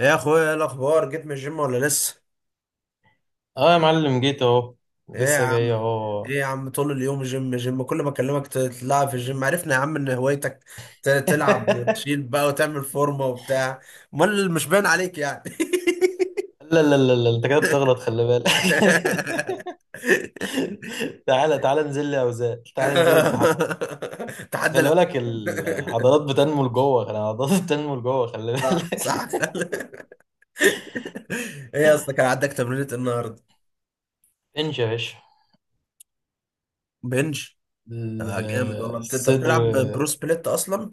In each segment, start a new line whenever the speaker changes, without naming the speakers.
ايه يا اخويا، ايه الاخبار، جيت من الجيم ولا لسه؟
اه يا معلم، جيت اهو.
ايه يا
لسه جاي
عم.
اهو.
ايه يا عم، طول اليوم جيم جيم، كل ما اكلمك تلعب في الجيم، عرفنا يا عم ان هوايتك تلعب وتشيل بقى وتعمل فورمه وبتاع. امال مش باين عليك يعني.
لا لا لا لا، انت كده بتغلط، خلي بالك. تعالى تعالى، انزل لي اوزان، تعالى انزل لي تحدي. بس
تحدى
خلي
الأول.
بالك العضلات بتنمو لجوه، خلي العضلات بتنمو لجوه، خلي
صح
بالك.
صح. ايه يا اسطى، كان عندك تمرينة النهارده؟
انش يا باشا.
بنج.
ال-
آه جامد والله، انت بتلعب برو
الصدر.
سبليت اصلا.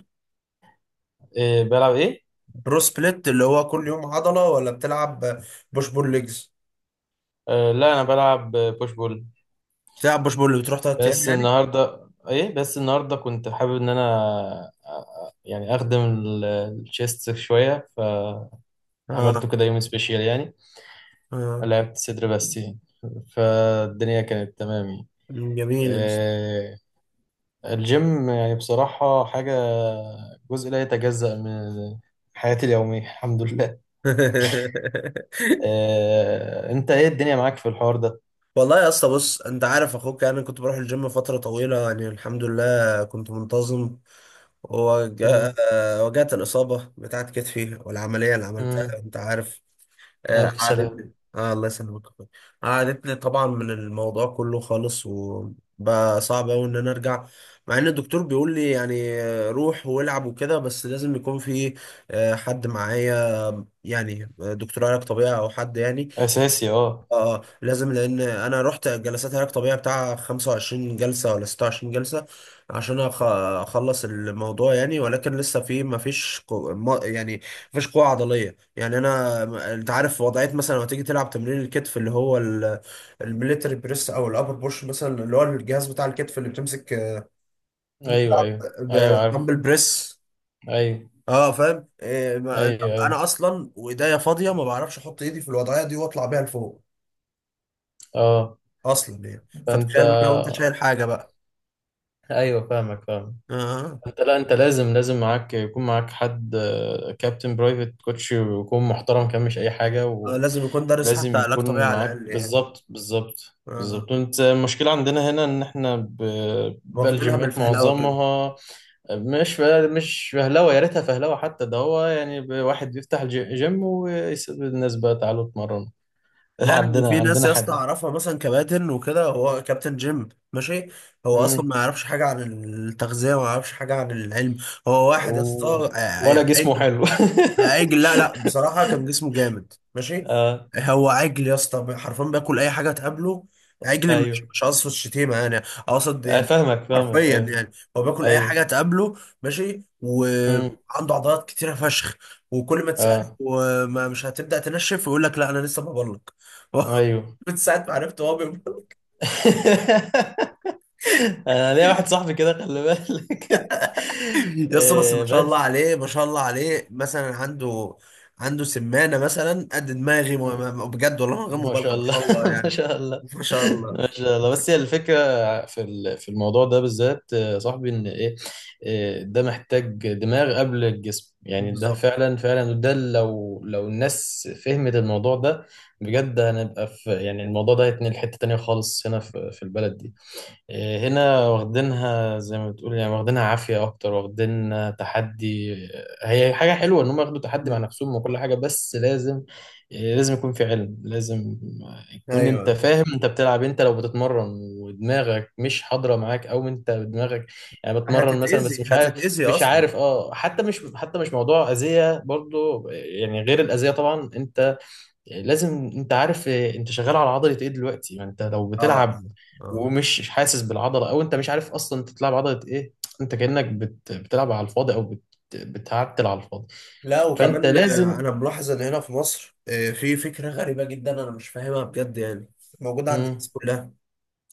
إيه بلعب ايه؟
برو سبليت اللي هو كل يوم عضلة، ولا بتلعب بوش بول ليجز؟
آه لا، انا بلعب بوش بول.
بتلعب بوش بول، بتروح 3 أيام
بس
يعني.
النهارده ايه، بس النهارده كنت حابب ان انا يعني اخدم الشيست شويه، ف عملته
اه
كده يوم سبيشيال يعني،
اه.
لعبت صدر بس يعني، فالدنيا كانت تمام يعني.
مم، جميل. يا اسطى.
آه، الجيم يعني بصراحة حاجة، جزء لا يتجزأ من حياتي اليومية. الحمد لله. انت ايه الدنيا معاك في الحوار ده؟
والله يا اسطى بص، انت عارف اخوك يعني، انا كنت بروح الجيم فترة طويلة يعني، الحمد لله كنت منتظم، وجاء
مم.
وجات الإصابة بتاعت كتفي والعملية اللي عملتها،
مم.
انت عارف.
ألف سلام.
قعدتني آه، الله يسلمك يا أخوي. قعدتني طبعا من الموضوع كله خالص، وبقى صعب أوي إن أنا أرجع، مع إن الدكتور بيقول لي يعني روح والعب وكده، بس لازم يكون في حد معايا يعني دكتور علاج طبيعي أو حد يعني.
أساسي، اه.
اه لازم، لان انا رحت جلسات علاج طبيعي بتاع 25 جلسه ولا 26 جلسه عشان اخلص الموضوع يعني، ولكن لسه في، ما فيش قو... ما يعني ما فيش قوه عضليه يعني. انا، انت عارف وضعيه مثلا لما تيجي تلعب تمرين الكتف اللي هو الميليتري بريس او الابر بوش مثلا، اللي هو الجهاز بتاع الكتف اللي بتمسك
أيوه
بتلعب
أيوه أيوه، عارف.
دمبل بريس،
أيوه
اه، فاهم إيه ما...
أيوه أيوه.
انا اصلا وايديا فاضيه ما بعرفش احط ايدي في الوضعيه دي واطلع بيها لفوق
اه.
اصلا يعني،
فأنت.
فتخيل بقى لو انت شايل حاجه بقى.
ايوه فاهمك فاهمك.
آه.
انت، لا انت لازم يكون معاك حد، كابتن برايفت كوتش، ويكون محترم، كان مش اي حاجه.
آه. لازم يكون دارس حتى
ولازم
علاج طبيعي
يكون
على
معاك
الاقل يعني.
بالظبط بالظبط
آه.
بالظبط. انت المشكله عندنا هنا ان احنا بقى
واخدينها
الجيمات
بالفهلوه كده.
معظمها مش ف- مش فهلوه، يا ريتها فهلوه حتى، ده هو يعني واحد بيفتح جيم ويسيب الناس بقى تعالوا اتمرنوا.
لا لا،
عندنا
وفي ناس
عندنا
يا اسطى
حديد.
اعرفها مثلا، كباتن وكده، هو كابتن جيم ماشي، هو اصلا
مم.
ما يعرفش حاجه عن التغذيه وما يعرفش حاجه عن العلم. هو واحد يا اسطى
و... ولا جسمه
يعني،
حلو.
عجل. لا لا، بصراحة كان جسمه جامد ماشي.
اه،
هو عجل يا اسطى، حرفيا بياكل أي حاجة تقابله. عجل
ايوه،
مش قصد الشتيمة يعني، أقصد يعني
فاهمك فاهمك،
حرفيا
ايوه.
يعني. هو بياكل أي
ايوه،
حاجة تقابله ماشي،
امم،
وعنده عضلات كتيرة فشخ. وكل ما تسأله،
اه،
وما مش هتبدأ تنشف، يقول لك لا، أنا لسه ببلك.
ايوه.
من ساعة ما عرفت هو بيبلك.
انا ليا واحد صاحبي كده، خلي بالك.
يا اسطى، بس ما شاء الله
بس.
عليه ما شاء الله عليه، مثلا عنده سمانة مثلا قد دماغي،
مم.
بجد والله، من غير
ما
مبالغة
شاء
ما
الله.
شاء الله
ما
يعني.
شاء الله
ما شاء الله.
ما شاء الله. بس هي الفكره في الموضوع ده بالذات. صاحبي ان ايه، ده محتاج دماغ قبل الجسم يعني، ده
بالظبط.
فعلا فعلا، وده لو الناس فهمت الموضوع ده بجد، هنبقى في، يعني الموضوع ده هيتنقل حته تانيه خالص هنا في البلد دي. إيه، هنا واخدينها زي ما بتقول يعني، واخدينها عافية أكتر، واخدينها تحدي. هي حاجة حلوة إن هم ياخدوا تحدي مع نفسهم وكل حاجة، بس لازم، إيه، لازم يكون في علم، لازم يكون أنت
ايوه.
فاهم أنت بتلعب إيه، أنت لو بتتمرن ودماغك مش حاضرة معاك، أو أنت دماغك يعني بتمرن مثلا بس
هتتأذي
مش عارف
هتتأذي
مش
اصلا.
عارف، حتى مش، حتى مش موضوع أذية برضو يعني، غير الأذية طبعا أنت. يعني لازم انت عارف انت شغال على عضله ايه دلوقتي، ما انت لو
اه
بتلعب
اه.
ومش حاسس بالعضله، او انت مش عارف اصلا انت بتلعب عضله ايه. انت كانك بتلعب على الفاضي، او بتعتل على الفاضي.
لا،
فانت
وكمان
لازم.
انا ملاحظ ان هنا في مصر في فكره غريبه جدا، انا مش فاهمها بجد يعني، موجوده عند الناس
مم.
كلها.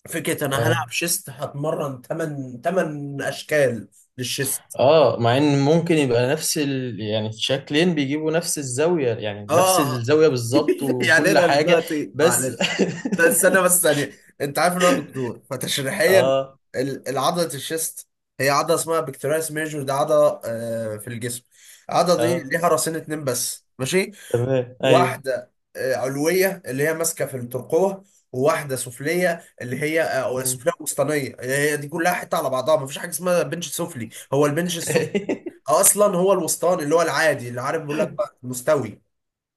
فكره انا
اه
هلعب شيست هتمرن 8 اشكال للشيست.
اه، مع ان ممكن يبقى نفس يعني شكلين بيجيبوا نفس الزاويه، يعني نفس
اه.
الزاويه بالظبط
يعني
وكل
انا
حاجه.
دلوقتي
بس.
معلش، ده استنى بس ثانيه، انت عارف ان انا دكتور، فتشريحيا
اه
العضله الشيست هي عضله اسمها بكتيريس ميجور، ده عضله في الجسم. العضله دي
اه،
ليها راسين اتنين بس ماشي،
تمام، ايوه.
واحده علويه اللي هي ماسكه في الترقوه، وواحده سفليه اللي هي، أو
مم.
سفليه وسطانيه، هي دي كلها حته على بعضها، مفيش حاجه اسمها بنش سفلي، هو البنش السفلي اصلا هو الوسطاني اللي هو العادي اللي عارف بيقول لك بقى مستوي.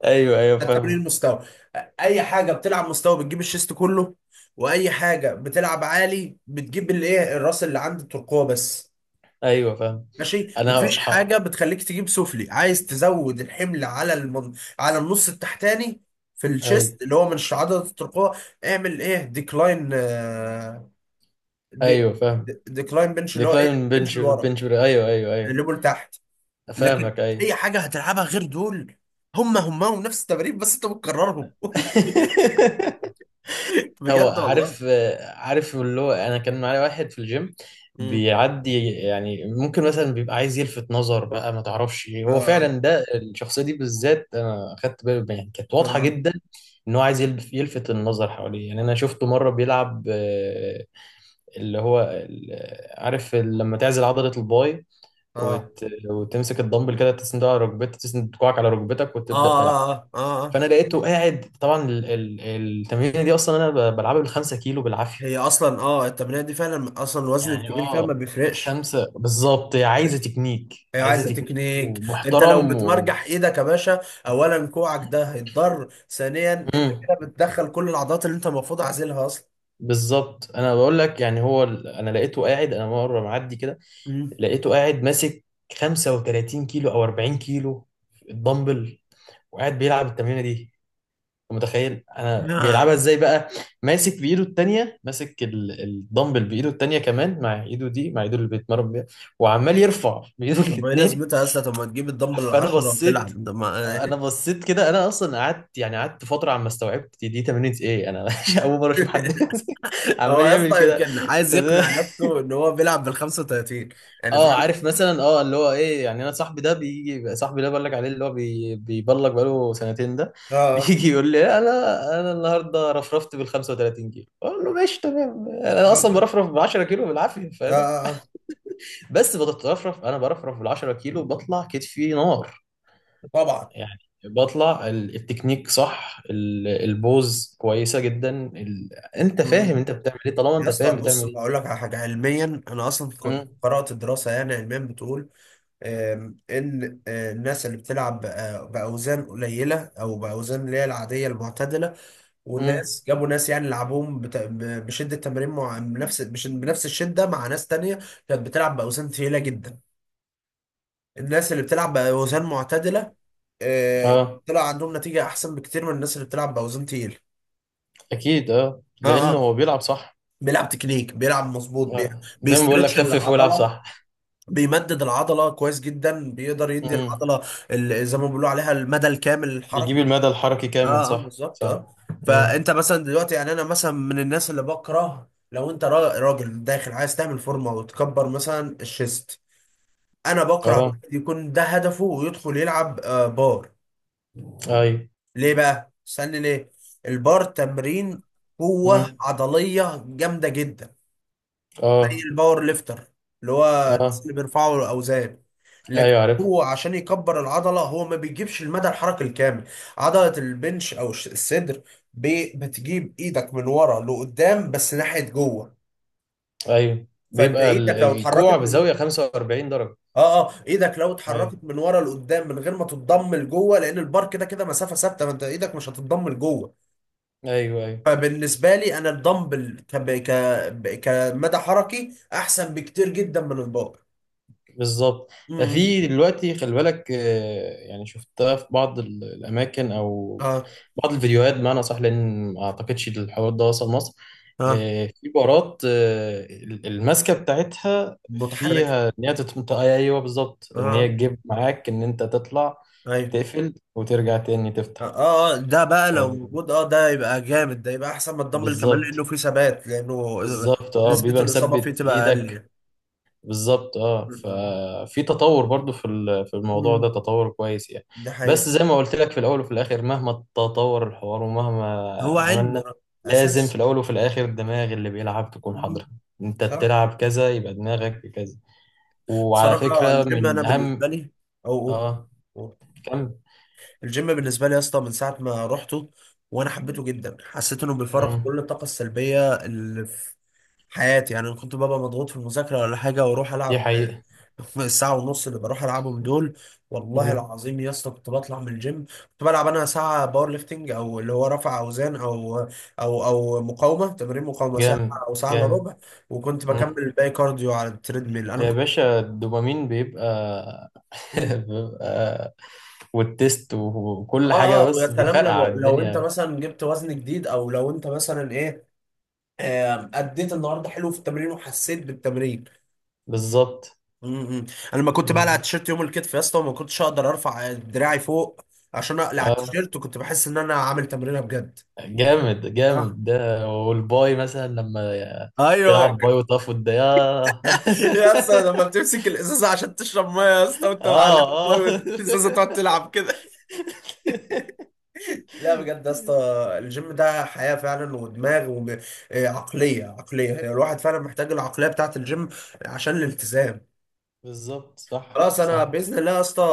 ايوه ايوه،
ده التمرين
فاهم.
المستوى، اي حاجه بتلعب مستوى بتجيب الشيست كله، واي حاجه بتلعب عالي بتجيب الايه، الراس اللي عند الترقوه بس
ايوه، فاهم.
ماشي.
انا
مفيش
ح...
حاجه بتخليك تجيب سفلي. عايز تزود الحمل على على النص التحتاني في
ايوه
الشيست اللي هو من عضله الترقوه، اعمل ايه؟ ديكلاين دي...
ايوه، فاهم.
ديكلاين بنش اللي هو ايه،
ديكلاين
بنش
بنش،
لورا،
بنش، ايوه ايوه ايوه.
الليفل لتحت. لكن
فاهمك، ايوه.
اي حاجه هتلعبها غير دول، هم هم ونفس التمارين، بس انت بتكررهم.
هو
بجد والله.
عارف، عارف، اللي هو انا كان معايا واحد في الجيم
مم.
بيعدي، يعني ممكن مثلا بيبقى عايز يلفت نظر بقى، ما تعرفش إيه. هو
اه
فعلا ده الشخصيه دي بالذات انا اخدت بالي يعني، كانت واضحه
اه
جدا ان هو عايز يلفت النظر حواليه يعني. انا شفته مره بيلعب، اللي هو عارف لما تعزل عضله الباي
اه
وت... وتمسك الدمبل كده، تسنده على ركبتك، تسند كوعك على ركبتك،
اه
وتبدا تلعب.
اه اه. آه.
فانا لقيته قاعد طبعا. التمرين دي اصلا انا بلعبها بالخمسة كيلو بالعافيه
هي اصلا التمرين دي فعلا، اصلا الوزن
يعني،
الكبير فيها ما
اه،
بيفرقش.
خمسة بالظبط، هي عايزه تكنيك،
هي
عايزه
عايزه
تكنيك
تكنيك. انت لو
ومحترم
بتمرجح ايدك يا باشا، اولا كوعك ده هيتضر، ثانيا انت
مم.
كده بتدخل كل العضلات اللي انت المفروض عازلها اصلا.
بالظبط، انا بقول لك يعني هو انا لقيته قاعد، انا مره معدي كده
مم.
لقيته قاعد ماسك 35 كيلو او 40 كيلو الدمبل، وقاعد بيلعب التمرينه دي. متخيل انا
لا.
بيلعبها ازاي بقى؟ ماسك بايده التانية، ماسك الدمبل بايده التانية كمان، مع ايده دي، مع ايده اللي بيتمرن بيها، وعمال يرفع بايده
طب ايه
الاتنين.
لازمتها يا اسطى؟ طب ما تجيب الدمبل
فانا
العشرة
بصيت،
وتلعب ده ما.
انا بصيت كده، انا اصلا قعدت يعني، قعدت فتره عما استوعبت دي تمرينة ايه. انا اول مره اشوف حد
هو
عمال
يا
يعمل
اسطى
كده.
يمكن
انت
عايز
ازاي؟
يقنع نفسه ان هو بيلعب بال 35، يعني
اه،
فاهم.
عارف، مثلا اللي هو ايه يعني، انا صاحبي ده بيجي، صاحبي اللي أنا بقول لك عليه اللي هو بيبلغ بقاله سنتين ده.
اه
بيجي يقول لي انا، النهارده رفرفت بال 35 كيلو، اقول له ماشي تمام، انا
اه
اصلا
اه
برفرف ب 10 كيلو بالعافيه،
اه.
فاهم؟
آه. آه.
بس بتترفرف. انا برفرف بال 10 كيلو بطلع كتفي نار
طبعا.
يعني، بطلع التكنيك صح، البوز كويسه جدا. ال... انت فاهم
مم.
انت بتعمل ايه، طالما
يا
انت فاهم
اسطى بص،
بتعمل ايه.
بقول لك على حاجه، علميا انا اصلا كنت
امم
قرات الدراسه، يعني علميا بتقول ان الناس اللي بتلعب باوزان قليله او باوزان اللي هي العاديه المعتدله،
امم
والناس جابوا ناس يعني لعبوهم بشده تمارين، مع بنفس الشده مع ناس تانية كانت بتلعب باوزان ثقيله جدا. الناس اللي بتلعب باوزان معتدله، آه،
اه،
طلع عندهم نتيجه احسن بكتير من الناس اللي بتلعب باوزان تقيله.
اكيد، اه،
اه
لان
اه.
هو بيلعب صح.
بيلعب تكنيك، بيلعب مظبوط،
زي ما بقول لك،
بيسترتش
خفف والعب
العضله،
صح.
بيمدد العضله كويس جدا، بيقدر يدي
امم،
العضله زي ما بيقولوا عليها المدى الكامل
بيجيب
الحركي.
المدى الحركي كامل،
اه اه
صح
بالظبط اه.
صح. امم،
فانت مثلا دلوقتي يعني، انا مثلا من الناس اللي بكره لو انت راجل داخل عايز تعمل فورمه وتكبر مثلا الشيست، انا بكره
اه،
واحد يكون ده هدفه ويدخل يلعب بار.
ايوه.
ليه بقى؟ استني ليه؟ البار تمرين قوه
امم،
عضليه جامده جدا، زي
اه
الباور ليفتر اللي هو الناس
اه،
اللي بيرفعوا الاوزان، لكن
ايوه، عارف،
هو عشان يكبر العضله هو ما بيجيبش المدى الحركي الكامل. عضله البنش او الصدر، بتجيب ايدك من ورا لقدام بس ناحيه جوه،
ايوه،
فانت
بيبقى
ايدك لو اتحركت
الكوع
من ورا.
بزاوية 45 درجة.
اه اه. ايدك لو
ايوه
اتحركت من ورا لقدام من غير ما تتضم لجوه، لان البار كده كده مسافه ثابته، فانت ايدك مش هتتضم لجوه.
ايوه ايوه،
فبالنسبه لي انا الدمبل، ك ك كمدى حركي احسن بكتير جدا من البار.
بالظبط. ده
امم
في دلوقتي خلي بالك، يعني شفتها في بعض الاماكن او
اه
بعض الفيديوهات، بمعنى صح، لان ما اعتقدش الحوار ده وصل مصر.
اه.
في بارات، الماسكه بتاعتها
متحركة.
فيها ان هي ايوه بالظبط، ان هي
اه
تجيب معاك ان انت تطلع
ايوه
تقفل وترجع تاني
اه.
تفتح.
آه، ده بقى لو
آه،
موجود، اه ده يبقى جامد، ده يبقى احسن من الدمبل كمان
بالظبط.
لانه فيه ثبات، لانه
بالظبط، اه،
نسبة
بيبقى
الاصابة فيه
مثبت
تبقى اقل
ايدك.
يعني.
بالظبط، اه، ففي تطور برضو في الموضوع
مم.
ده، تطور كويس يعني.
ده حقيقة.
بس زي ما قلت لك، في الاول وفي الاخر مهما تطور الحوار ومهما
هو علم يا
عملنا،
رب.
لازم في
اساس.
الاول وفي الاخر الدماغ اللي بيلعب تكون
مم.
حاضرة. انت
صح.
بتلعب كذا يبقى دماغك في كذا. وعلى
بصراحة
فكرة
الجيم انا
من اهم.
بالنسبة لي، او أو-
اه،
أو.
كم.
الجيم بالنسبة لي يا اسطى، من ساعة ما رحته وانا حبيته جدا، حسيت انه بيفرغ
مم.
كل الطاقة السلبية اللي حياتي يعني. أنا كنت ببقى مضغوط في المذاكرة ولا حاجة، واروح
دي
العب.
حقيقة.
الساعة ونص اللي بروح العبهم دول، والله
مم.
العظيم يا اسطى كنت بطلع من الجيم، كنت بلعب انا ساعة باور ليفتنج، او اللي هو رفع اوزان، او مقاومة، تمارين مقاومة ساعة
جامد
او ساعة الا
جامد.
ربع، وكنت
مم.
بكمل الباقي كارديو على التريدميل، انا
يا
كنت.
باشا الدوبامين بيبقى
مم.
بيبقى، والتيست وكل
اه
حاجة،
اه، ويا
بس
سلام
بيفرقع
لو انت
الدنيا.
مثلا جبت وزن جديد، او لو انت مثلا ايه، اديت النهارده حلو في التمرين وحسيت بالتمرين.
بالظبط.
امم انا لما كنت بقلع
مم.
التيشيرت يوم الكتف يا اسطى وما كنتش اقدر ارفع دراعي فوق عشان اقلع
اه،
التيشيرت، وكنت بحس ان انا عامل تمرينه بجد.
جامد
آه.
جامد، ده والباي مثلا لما
ايوه.
تلعب باي وتقف، ده ياه.
يا اسطى لما بتمسك الازازه عشان تشرب ميه يا اسطى، وانت معلق
اه
ميه
اه.
والازازه تقعد تلعب كده. لا بجد يا اسطى، الجيم ده حياه فعلا، ودماغ وعقليه عقليه عقلية. هي الواحد فعلا محتاج العقليه بتاعت الجيم عشان الالتزام.
بالظبط، صح
خلاص، انا
صح.
باذن الله يا اسطى،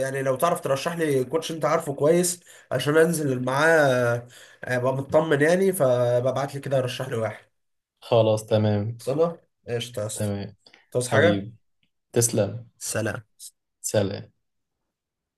يعني لو تعرف ترشح لي كوتش انت عارفه كويس عشان انزل معاه ابقى مطمن يعني، فببعت لي كده رشح لي واحد.
خلاص، تمام.
خلصانه. قشطه يا اسطى.
تمام،
تصحى حاجه.
حبيبي، تسلم.
سلام.
سلام.